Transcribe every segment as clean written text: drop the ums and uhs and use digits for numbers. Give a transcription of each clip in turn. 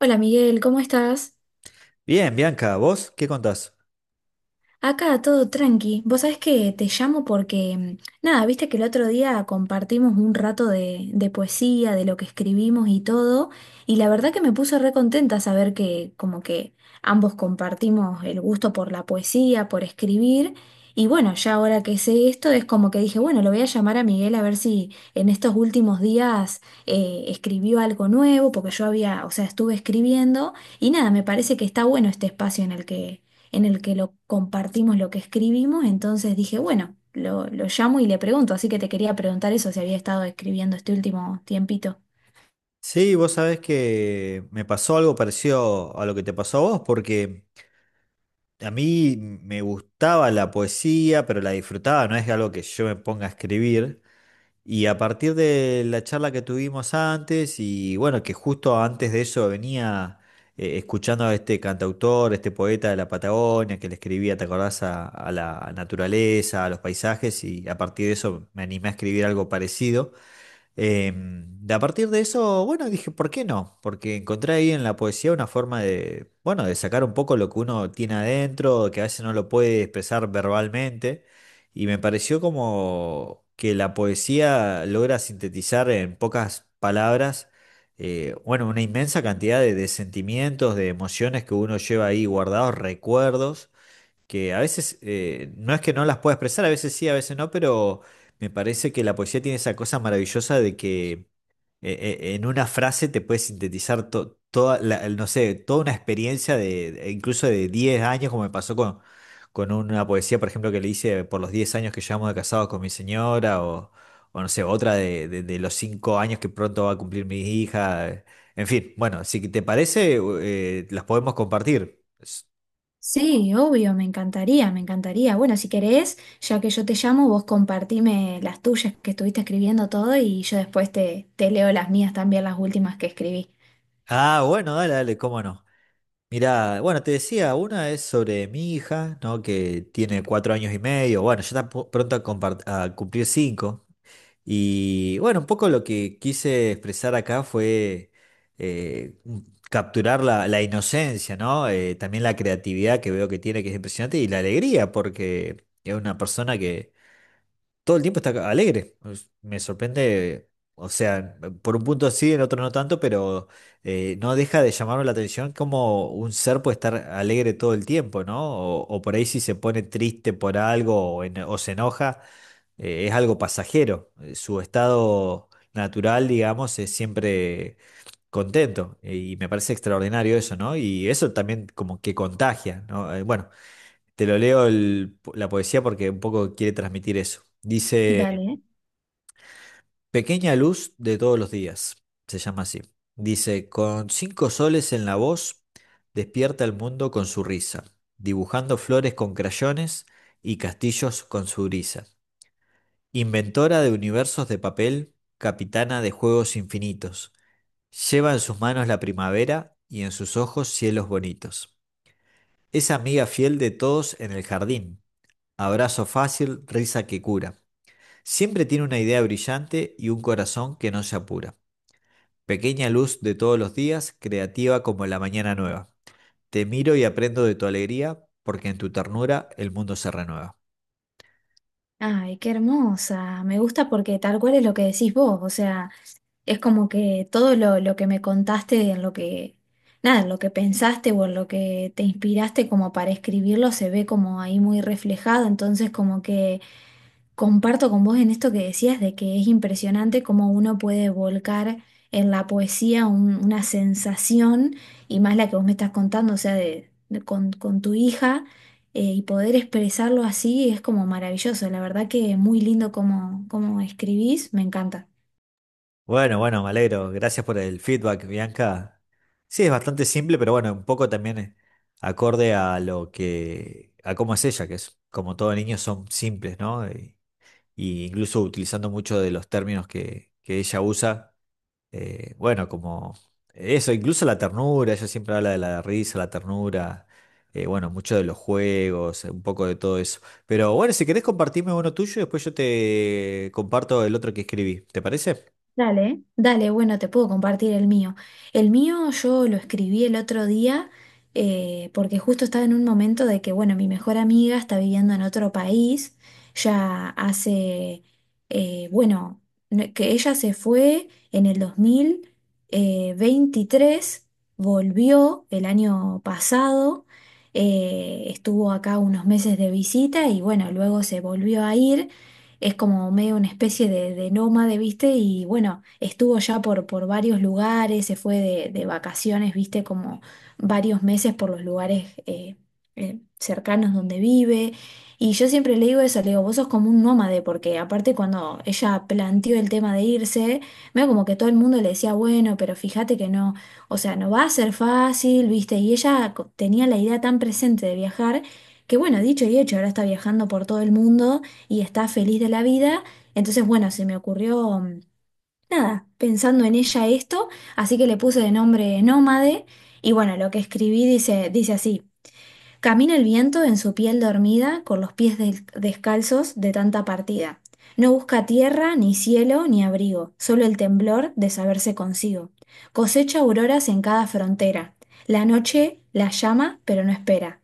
Hola Miguel, ¿cómo estás? Bien, Bianca, ¿vos qué contás? Acá todo tranqui. Vos sabés que te llamo porque, nada, viste que el otro día compartimos un rato de poesía, de lo que escribimos y todo, y la verdad que me puso re contenta saber que como que ambos compartimos el gusto por la poesía, por escribir, y bueno, ya ahora que sé esto es como que dije, bueno, lo voy a llamar a Miguel a ver si en estos últimos días escribió algo nuevo, porque yo había, o sea, estuve escribiendo, y nada, me parece que está bueno este espacio en el que lo compartimos lo que escribimos, entonces dije, bueno, lo llamo y le pregunto, así que te quería preguntar eso, si había estado escribiendo este último tiempito. Sí, vos sabés que me pasó algo parecido a lo que te pasó a vos, porque a mí me gustaba la poesía, pero la disfrutaba, no es algo que yo me ponga a escribir. Y a partir de la charla que tuvimos antes, y bueno, que justo antes de eso venía escuchando a este cantautor, este poeta de la Patagonia, que le escribía, ¿te acordás? A la naturaleza, a los paisajes, y a partir de eso me animé a escribir algo parecido. Em, de a partir de eso, bueno, dije, ¿por qué no? Porque encontré ahí en la poesía una forma de, bueno, de sacar un poco lo que uno tiene adentro, que a veces no lo puede expresar verbalmente, y me pareció como que la poesía logra sintetizar en pocas palabras. Bueno, una inmensa cantidad de, sentimientos, de emociones que uno lleva ahí guardados, recuerdos que a veces no es que no las pueda expresar, a veces sí, a veces no, pero me parece que la poesía tiene esa cosa maravillosa de que en una frase te puedes sintetizar toda la, no sé, toda una experiencia incluso de 10 años, como me pasó con una poesía, por ejemplo, que le hice por los 10 años que llevamos de casados con mi señora, o no sé, otra de los 5 años que pronto va a cumplir mi hija. En fin, bueno, si te parece, las podemos compartir. Sí, obvio, me encantaría, me encantaría. Bueno, si querés, ya que yo te llamo, vos compartime las tuyas que estuviste escribiendo todo y yo después te leo las mías también, las últimas que escribí. Ah, bueno, dale, dale, cómo no. Mirá, bueno, te decía, una es sobre mi hija, ¿no? Que tiene 4 años y medio, bueno, ya está pronto a cumplir 5. Y bueno, un poco lo que quise expresar acá fue capturar la inocencia, ¿no? También la creatividad que veo que tiene, que es impresionante, y la alegría, porque es una persona que todo el tiempo está alegre. Me sorprende, o sea, por un punto sí, en otro no tanto, pero no deja de llamarme la atención como un ser puede estar alegre todo el tiempo, ¿no? O por ahí si se pone triste por algo o se enoja, es algo pasajero. Su estado natural, digamos, es siempre contento. Y me parece extraordinario eso, ¿no? Y eso también como que contagia, ¿no? Bueno. Te lo leo la poesía porque un poco quiere transmitir eso. Dice: Dale. Pequeña luz de todos los días, se llama así. Dice, con cinco soles en la voz, despierta el mundo con su risa, dibujando flores con crayones y castillos con su brisa. Inventora de universos de papel, capitana de juegos infinitos, lleva en sus manos la primavera y en sus ojos cielos bonitos. Es amiga fiel de todos en el jardín, abrazo fácil, risa que cura. Siempre tiene una idea brillante y un corazón que no se apura. Pequeña luz de todos los días, creativa como la mañana nueva. Te miro y aprendo de tu alegría, porque en tu ternura el mundo se renueva. Ay, qué hermosa. Me gusta porque tal cual es lo que decís vos, o sea... Es como que todo lo que me contaste, en lo que, nada, en lo que pensaste o en lo que te inspiraste como para escribirlo, se ve como ahí muy reflejado. Entonces, como que comparto con vos en esto que decías de que es impresionante cómo uno puede volcar en la poesía un- una sensación, y más la que vos me estás contando, o sea, con tu hija, y poder expresarlo así es como maravilloso. La verdad que muy lindo como cómo escribís, me encanta. Bueno, bueno, me alegro. Gracias por el feedback, Bianca. Sí, es bastante simple, pero bueno, un poco también acorde a lo que, a cómo es ella, que es como todo niño son simples, ¿no? Y incluso utilizando mucho de los términos que ella usa, bueno, como eso, incluso la ternura, ella siempre habla de la risa, la ternura, bueno, mucho de los juegos, un poco de todo eso. Pero bueno, si querés compartirme uno tuyo, después yo te comparto el otro que escribí, ¿te parece? Dale, dale, bueno, te puedo compartir el mío. El mío yo lo escribí el otro día porque justo estaba en un momento de que, bueno, mi mejor amiga está viviendo en otro país, ya hace, bueno, no- que ella se fue en el dos mil veintitrés, volvió el año pasado, estuvo acá unos meses de visita y, bueno, luego se volvió a ir, es como medio una especie de nómade, ¿viste? Y bueno, estuvo ya por varios lugares, se fue de vacaciones, ¿viste? Como varios meses por los lugares cercanos donde vive. Y yo siempre le digo eso, le digo, vos sos como un nómade, porque aparte cuando ella planteó el tema de irse, veo como que todo el mundo le decía, bueno, pero fíjate que no, o sea, no va a ser fácil, ¿viste? Y ella co- tenía la idea tan presente de viajar, que bueno, dicho y hecho, ahora está viajando por todo el mundo y está feliz de la vida. Entonces, bueno, se me ocurrió, nada, pensando en ella esto, así que le puse de nombre Nómade, y bueno, lo que escribí dice, dice así. Camina el viento en su piel dormida, con los pies del- descalzos de tanta partida. No busca tierra, ni cielo, ni abrigo, solo el temblor de saberse consigo. Cosecha auroras en cada frontera. La noche la llama, pero no espera.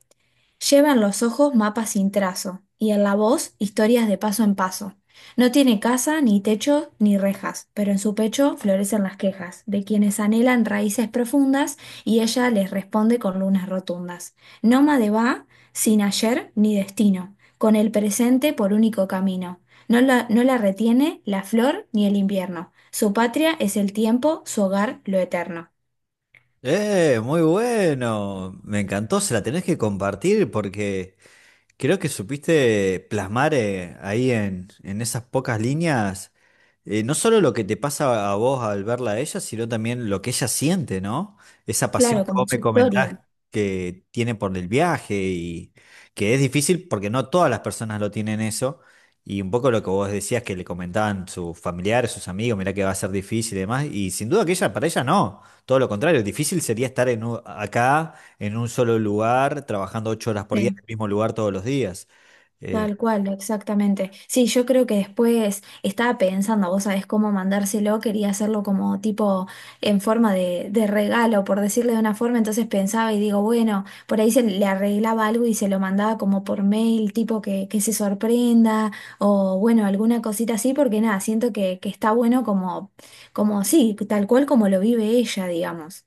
Lleva en los ojos mapas sin trazo y en la voz historias de paso en paso. No tiene casa, ni techo, ni rejas, pero en su pecho florecen las quejas de quienes anhelan raíces profundas y ella les responde con lunas rotundas. Nómade va sin ayer ni destino, con el presente por único camino. No la retiene la flor ni el invierno. Su patria es el tiempo, su hogar lo eterno. Muy bueno. Me encantó, se la tenés que compartir porque creo que supiste plasmar ahí en esas pocas líneas, no solo lo que te pasa a vos al verla a ella, sino también lo que ella siente, ¿no? Esa pasión Claro, que como vos me su comentás historia. que tiene por el viaje y que es difícil porque no todas las personas lo tienen eso. Y un poco lo que vos decías que le comentaban sus familiares, sus amigos, mirá que va a ser difícil y demás. Y sin duda que ella, para ella no, todo lo contrario, difícil sería estar acá en un solo lugar, trabajando 8 horas por día en Sí. el mismo lugar todos los días. Eh, Tal cual, exactamente. Sí, yo creo que después estaba pensando, vos sabés cómo mandárselo, quería hacerlo como tipo en forma de regalo, por decirle de una forma, entonces pensaba y digo, bueno, por ahí se le arreglaba algo y se lo mandaba como por mail, tipo que se sorprenda o bueno, alguna cosita así, porque nada, siento que está bueno como, como sí, tal cual como lo vive ella, digamos.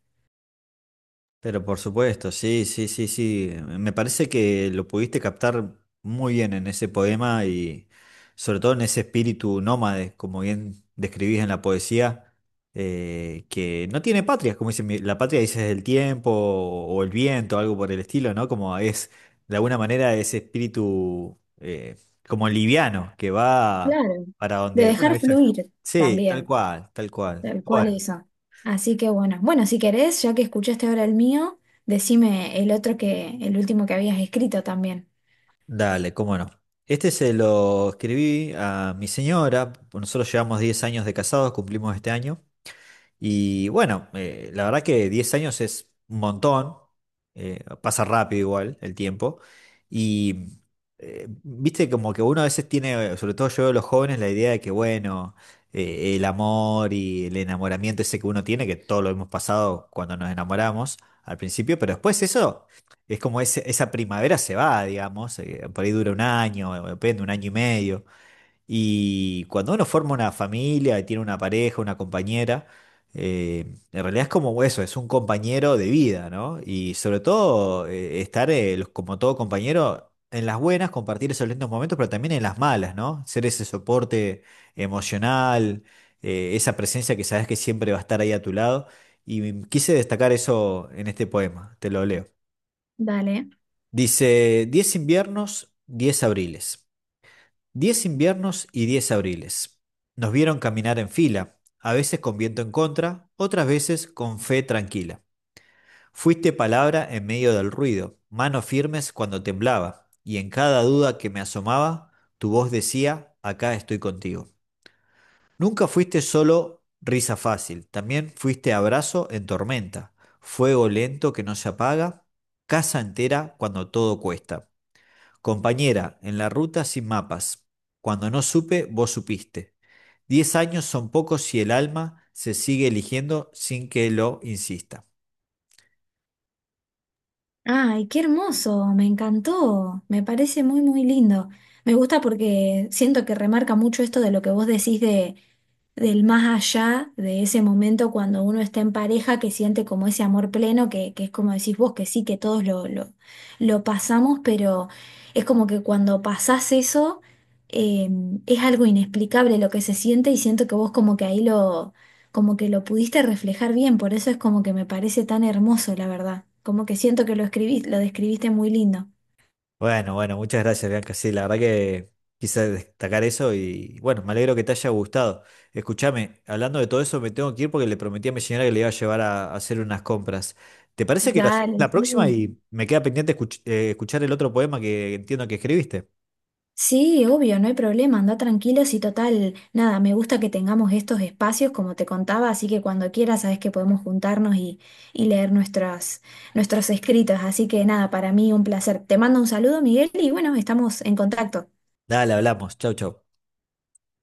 Pero por supuesto, sí, sí, sí, sí. Me parece que lo pudiste captar muy bien en ese poema y sobre todo en ese espíritu nómade, como bien describís en la poesía, que no tiene patria, como dice, la patria dices el tiempo o el viento, algo por el estilo, ¿no? Como es, de alguna manera, ese espíritu como liviano que va Claro. para De donde, bueno, dejar ella- fluir Sí, tal también. cual, tal cual. Tal cual Bueno. eso. Así que bueno, bueno, si querés, ya que escuchaste ahora el mío, decime el otro que, el último que habías escrito también. Dale, cómo no. Este se lo escribí a mi señora. Nosotros llevamos 10 años de casados, cumplimos este año. Y bueno, la verdad que 10 años es un montón, pasa rápido igual el tiempo. Y viste como que uno a veces tiene, sobre todo yo de los jóvenes, la idea de que bueno, el amor y el enamoramiento ese que uno tiene, que todo lo hemos pasado cuando nos enamoramos al principio, pero después eso es como esa primavera se va, digamos, por ahí dura un año, depende, un año y medio. Y cuando uno forma una familia y tiene una pareja, una compañera, eh, en realidad es como eso, es un compañero de vida, ¿no? Y sobre todo estar, como todo compañero, en las buenas, compartir esos lindos momentos, pero también en las malas, ¿no? Ser ese soporte emocional, esa presencia que sabes que siempre va a estar ahí a tu lado. Y quise destacar eso en este poema, te lo leo. Dale. Dice, 10 inviernos, 10 abriles. 10 inviernos y 10 abriles. Nos vieron caminar en fila, a veces con viento en contra, otras veces con fe tranquila. Fuiste palabra en medio del ruido, manos firmes cuando temblaba, y en cada duda que me asomaba, tu voz decía, acá estoy contigo. Nunca fuiste solo risa fácil, también fuiste abrazo en tormenta, fuego lento que no se apaga, casa entera cuando todo cuesta. Compañera, en la ruta sin mapas. Cuando no supe, vos supiste. 10 años son pocos si el alma se sigue eligiendo sin que lo insista. Ay, qué hermoso, me encantó, me parece muy, muy lindo. Me gusta porque siento que remarca mucho esto de lo que vos decís del más allá de ese momento cuando uno está en pareja que siente como ese amor pleno, que es como decís vos, que sí, que todos lo pasamos, pero es como que cuando pasás eso, eh, es algo inexplicable lo que se siente y siento que vos como que ahí lo, como que lo pudiste reflejar bien, por eso es como que me parece tan hermoso, la verdad, como que siento que lo escribís, lo describiste muy lindo. Bueno, bueno, muchas gracias, Bianca. Sí, la verdad que quise destacar eso y bueno, me alegro que te haya gustado. Escúchame, hablando de todo eso, me tengo que ir porque le prometí a mi señora que le iba a llevar a hacer unas compras. ¿Te parece que lo hacemos Dale, la próxima sí. y me queda pendiente escuchar el otro poema que entiendo que escribiste? Sí, obvio, no hay problema, anda tranquilos y total, nada, me gusta que tengamos estos espacios como te contaba, así que cuando quieras sabes que podemos juntarnos y leer nuestras, nuestros escritos, así que nada, para mí un placer. Te mando un saludo, Miguel, y bueno, estamos en contacto. Dale, hablamos. Chau, chau.